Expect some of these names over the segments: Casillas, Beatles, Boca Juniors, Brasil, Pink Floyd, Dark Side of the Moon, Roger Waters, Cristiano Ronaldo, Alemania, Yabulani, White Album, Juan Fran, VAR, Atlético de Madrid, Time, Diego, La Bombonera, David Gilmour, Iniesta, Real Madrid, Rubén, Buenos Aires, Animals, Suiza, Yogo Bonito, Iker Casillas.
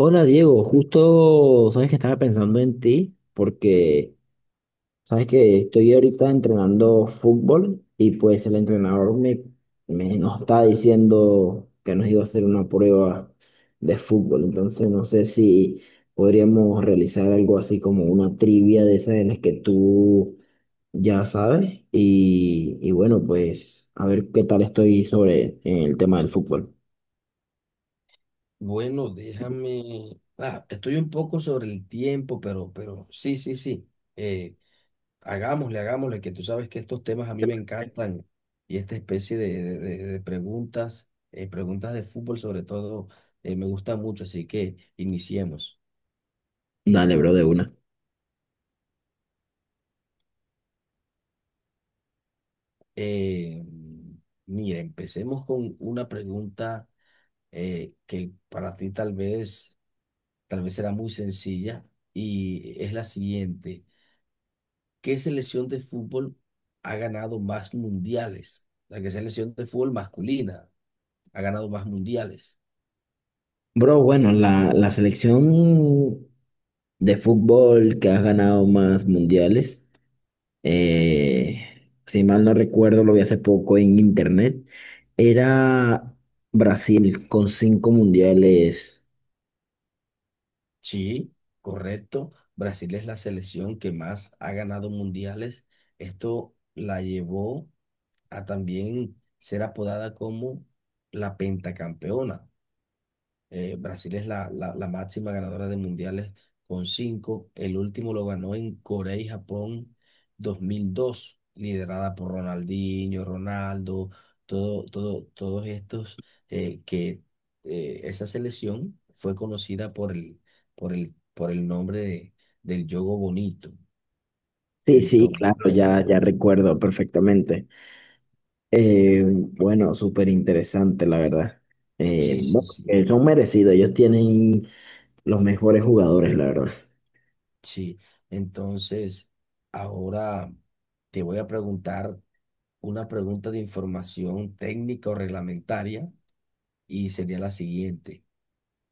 Hola Diego, justo sabes que estaba pensando en ti porque sabes que estoy ahorita entrenando fútbol y pues el entrenador me nos está diciendo que nos iba a hacer una prueba de fútbol. Entonces no sé si podríamos realizar algo así como una trivia de esas en las que tú ya sabes, y bueno, pues a ver qué tal estoy sobre el tema del fútbol. Bueno, déjame. Estoy un poco sobre el tiempo, pero sí, sí, sí. Eh, hagámosle, que tú sabes que estos temas a mí me encantan y esta especie de preguntas, preguntas de fútbol sobre todo, me gusta mucho, así que iniciemos. Dale, bro, de una. Eh, mira, empecemos con una pregunta que para ti tal vez será muy sencilla y es la siguiente. ¿Qué selección de fútbol ha ganado más mundiales? La que selección de fútbol masculina ha ganado más mundiales. Bro, bueno, la selección de fútbol que has ganado más mundiales. Eh, si mal no recuerdo, lo vi hace poco en internet. Era Brasil con cinco mundiales. Sí, correcto. Brasil es la selección que más ha ganado mundiales. Esto la llevó a también ser apodada como la pentacampeona. Brasil es la máxima ganadora de mundiales con cinco. El último lo ganó en Corea y Japón 2002, liderada por Ronaldinho, Ronaldo, todos estos que esa selección fue conocida por el nombre del Yogo Bonito. Sí, sí, claro, Entonces, ya, ya recuerdo perfectamente. Bueno, súper interesante, la verdad. Sí, sí, Bueno, sí, son merecidos, ellos tienen los mejores jugadores, la verdad. sí. Entonces, ahora te voy a preguntar una pregunta de información técnica o reglamentaria y sería la siguiente.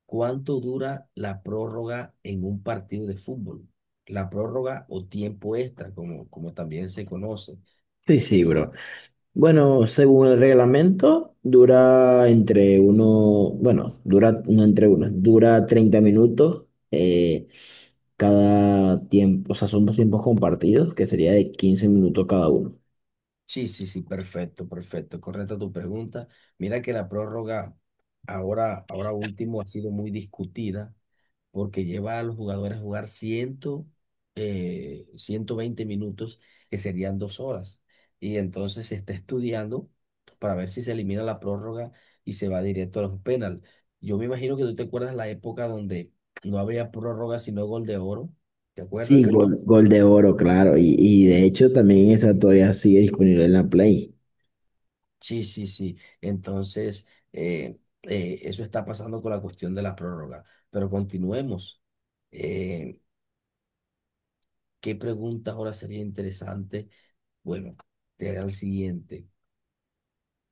¿Cuánto dura la prórroga en un partido de fútbol? La prórroga o tiempo extra, como también se conoce. Sí, sí, bro. Bueno, según el reglamento, dura entre uno, bueno, dura, no, entre uno, dura 30 minutos eh, cada tiempo. O sea, son dos tiempos compartidos, que sería de 15 minutos cada uno. Sí, sí, sí, perfecto, perfecto. Correcta tu pregunta. Mira que la prórroga ahora último ha sido muy discutida porque lleva a los jugadores a jugar 120 minutos, que serían dos horas. Y entonces se está estudiando para ver si se elimina la prórroga y se va directo a los penal. Yo me imagino que tú te acuerdas la época donde no habría prórroga sino gol de oro. ¿Te Sí, acuerdas? gol de oro, claro, y de hecho también esa todavía sigue disponible en la Play. Sí, sí, sí. Entonces, eso está pasando con la cuestión de la prórroga. Pero continuemos. Eh, ¿Qué pregunta ahora sería interesante? Bueno, te haré el siguiente.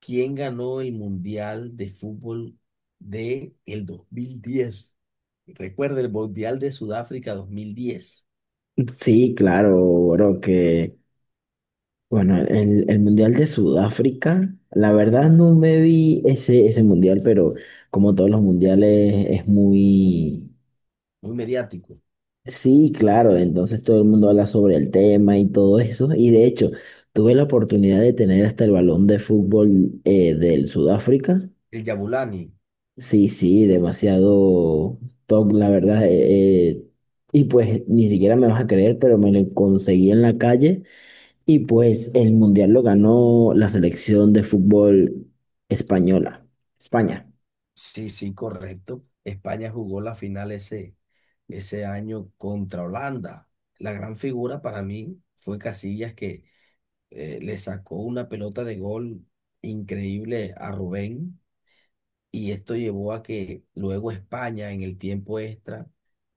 ¿Quién ganó el Mundial de Fútbol de el 2010? Recuerda el Mundial de Sudáfrica 2010. Sí, claro, bro. Que Bueno, el Mundial de Sudáfrica, la verdad no me vi ese mundial, pero como todos los mundiales es muy... Muy mediático. Sí, claro. Entonces todo el mundo habla sobre el tema y todo eso. Y de hecho, tuve la oportunidad de tener hasta el balón de fútbol, del Sudáfrica. El Yabulani. Sí, sí, demasiado top, la verdad. Y pues ni siquiera me vas a creer, pero me lo conseguí en la calle. Y pues el mundial lo ganó la selección de fútbol española, España. Sí, sí, correcto. España jugó la final ese año contra Holanda. La gran figura para mí fue Casillas que le sacó una pelota de gol increíble a Rubén y esto llevó a que luego España en el tiempo extra,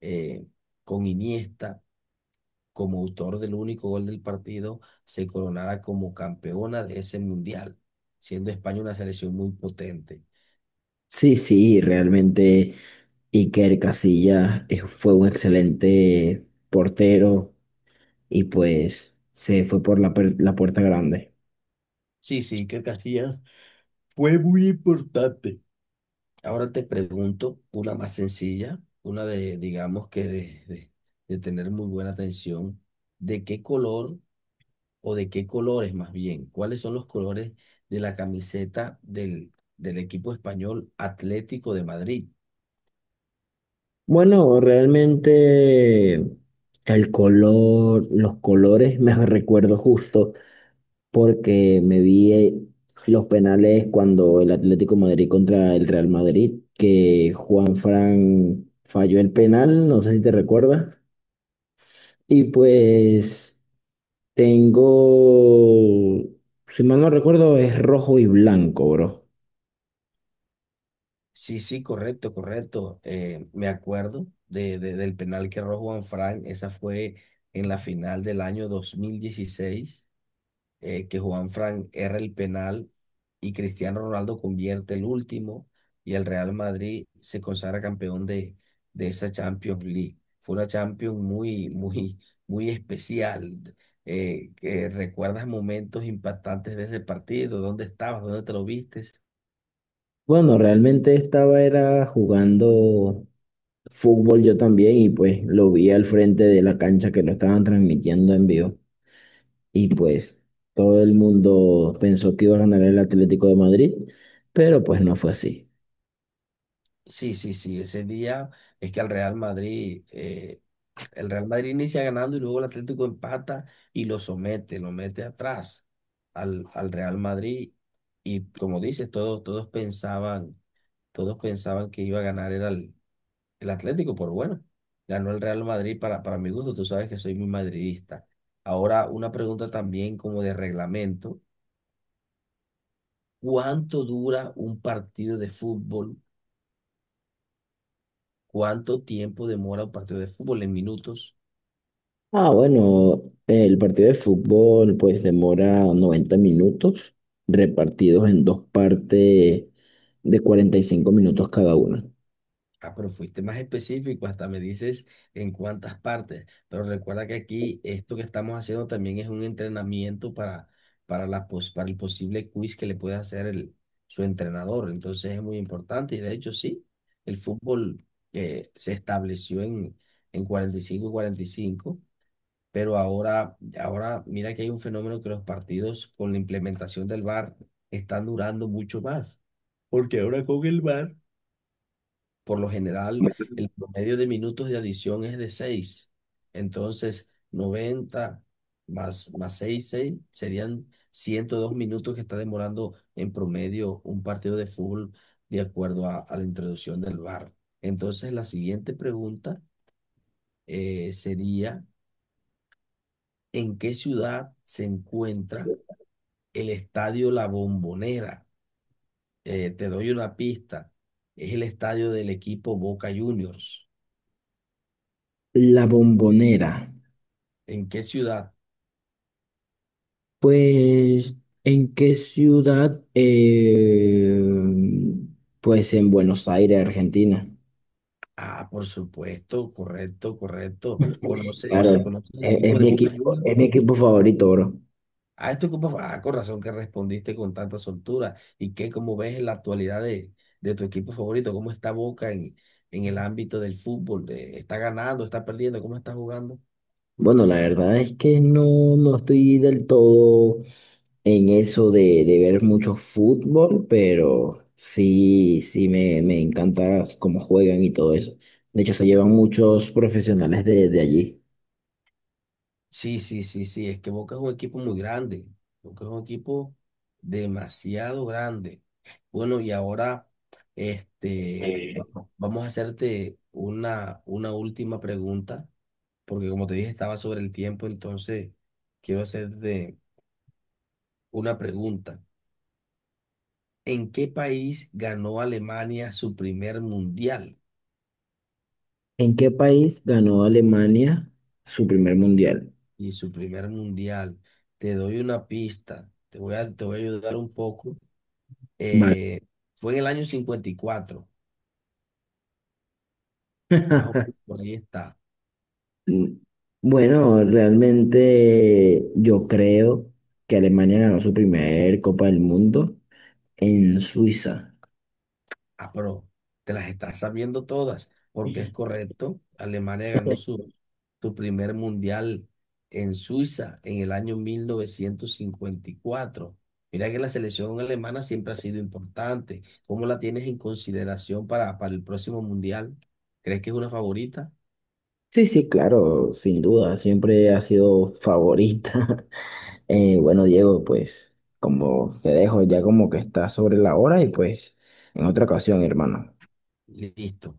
eh, con Iniesta como autor del único gol del partido, se coronara como campeona de ese mundial, siendo España una selección muy potente. Sí, sí, realmente Iker Casillas, fue un excelente portero, y pues se fue por la puerta grande. Sí, sí, que Casillas fue muy importante. Ahora te pregunto una más sencilla, una de, digamos que de tener muy buena atención. ¿De qué color o de qué colores más bien? ¿Cuáles son los colores de la camiseta del equipo español Atlético de Madrid? Bueno, realmente el color, los colores me recuerdo justo porque me vi, los penales cuando el Atlético de Madrid contra el Real Madrid, que Juan Fran falló el penal, no sé si te recuerdas. Y pues tengo, si mal no recuerdo, es rojo y blanco, bro. Sí, sí, correcto, correcto. Me acuerdo del penal que erró Juan Fran. Esa fue en la final del año 2016. Que Juan Fran erra el penal y Cristiano Ronaldo convierte el último y el Real Madrid se consagra campeón de esa Champions League. Fue una Champions muy especial. Que ¿Recuerdas momentos impactantes de ese partido? ¿Dónde estabas? ¿Dónde te lo viste? Bueno, realmente estaba era jugando fútbol yo también, y pues lo vi al frente de la cancha, que lo estaban transmitiendo en vivo. Y pues todo el mundo pensó que iba a ganar el Atlético de Madrid, pero pues no fue así. Sí, sí, sí, ese día es que al Real Madrid, el Real Madrid inicia ganando y luego el Atlético empata y lo somete, lo mete atrás al Real Madrid. Y como dices, todos pensaban que iba a ganar era el Atlético, pero bueno, ganó el Real Madrid para mi gusto, tú sabes que soy muy madridista. Ahora, una pregunta también como de reglamento, ¿cuánto dura un partido de fútbol? ¿Cuánto tiempo demora un partido de fútbol en minutos? Ah, bueno, el partido de fútbol pues demora 90 minutos, repartidos en dos partes de 45 minutos cada una. Ah, pero fuiste más específico, hasta me dices en cuántas partes. Pero recuerda que aquí esto que estamos haciendo también es un entrenamiento para el posible quiz que le puede hacer su entrenador. Entonces es muy importante y de hecho sí, el fútbol se estableció en cuarenta y cinco y cinco y cinco, pero ahora mira que hay un fenómeno que los partidos con la implementación del VAR están durando mucho más. Porque ahora con el VAR por lo general, el promedio de minutos de adición es de seis. Entonces, 90 más 6 serían 102 minutos que está demorando en promedio un partido de fútbol de acuerdo a la introducción del VAR. Entonces, la siguiente pregunta sería, ¿en qué ciudad se encuentra el Estadio La Bombonera? Te doy una pista. Es el estadio del equipo Boca Juniors. La Bombonera. ¿En qué ciudad? Pues, ¿en qué ciudad? Pues en Buenos Aires, Argentina. Ah, por supuesto, correcto, correcto. Claro, Conoces el es, equipo es de mi Boca equipo, Juniors? es mi equipo favorito, bro. Ah, esto como, ah, con razón que respondiste con tanta soltura. ¿Y qué, cómo ves en la actualidad de tu equipo favorito? ¿Cómo está Boca en el ámbito del fútbol? ¿Está ganando, está perdiendo? ¿Cómo está jugando? Bueno, la verdad es que no, no estoy del todo en eso de ver mucho fútbol, pero sí, sí, me encanta cómo juegan y todo eso. De hecho, se llevan muchos profesionales de allí. Sí, sí, sí, sí, es que Boca es un equipo muy grande. Boca es un equipo demasiado grande. Bueno, y ahora, este, va- vamos a hacerte una última pregunta porque como te dije, estaba sobre el tiempo, entonces quiero hacerte una pregunta. ¿En qué país ganó Alemania su primer mundial? ¿En qué país ganó Alemania su primer mundial? Y su primer mundial, te doy una pista, te voy a ayudar un poco. Vale. Eh, fue en el año 54, más o menos por ahí está. Mm, Bueno, realmente yo creo que Alemania ganó su primer Copa del Mundo en Suiza. Ah, pero te las estás sabiendo todas, porque es Sí, correcto. Alemania ganó su primer mundial en Suiza en el año 1954. Mira que la selección alemana siempre ha sido importante. ¿Cómo la tienes en consideración para el próximo mundial? ¿Crees que es una favorita? sí, claro, sin duda, siempre ha sido favorita. Bueno, Diego, pues como te dejo ya como que está sobre la hora, y pues en otra ocasión, hermano. Listo.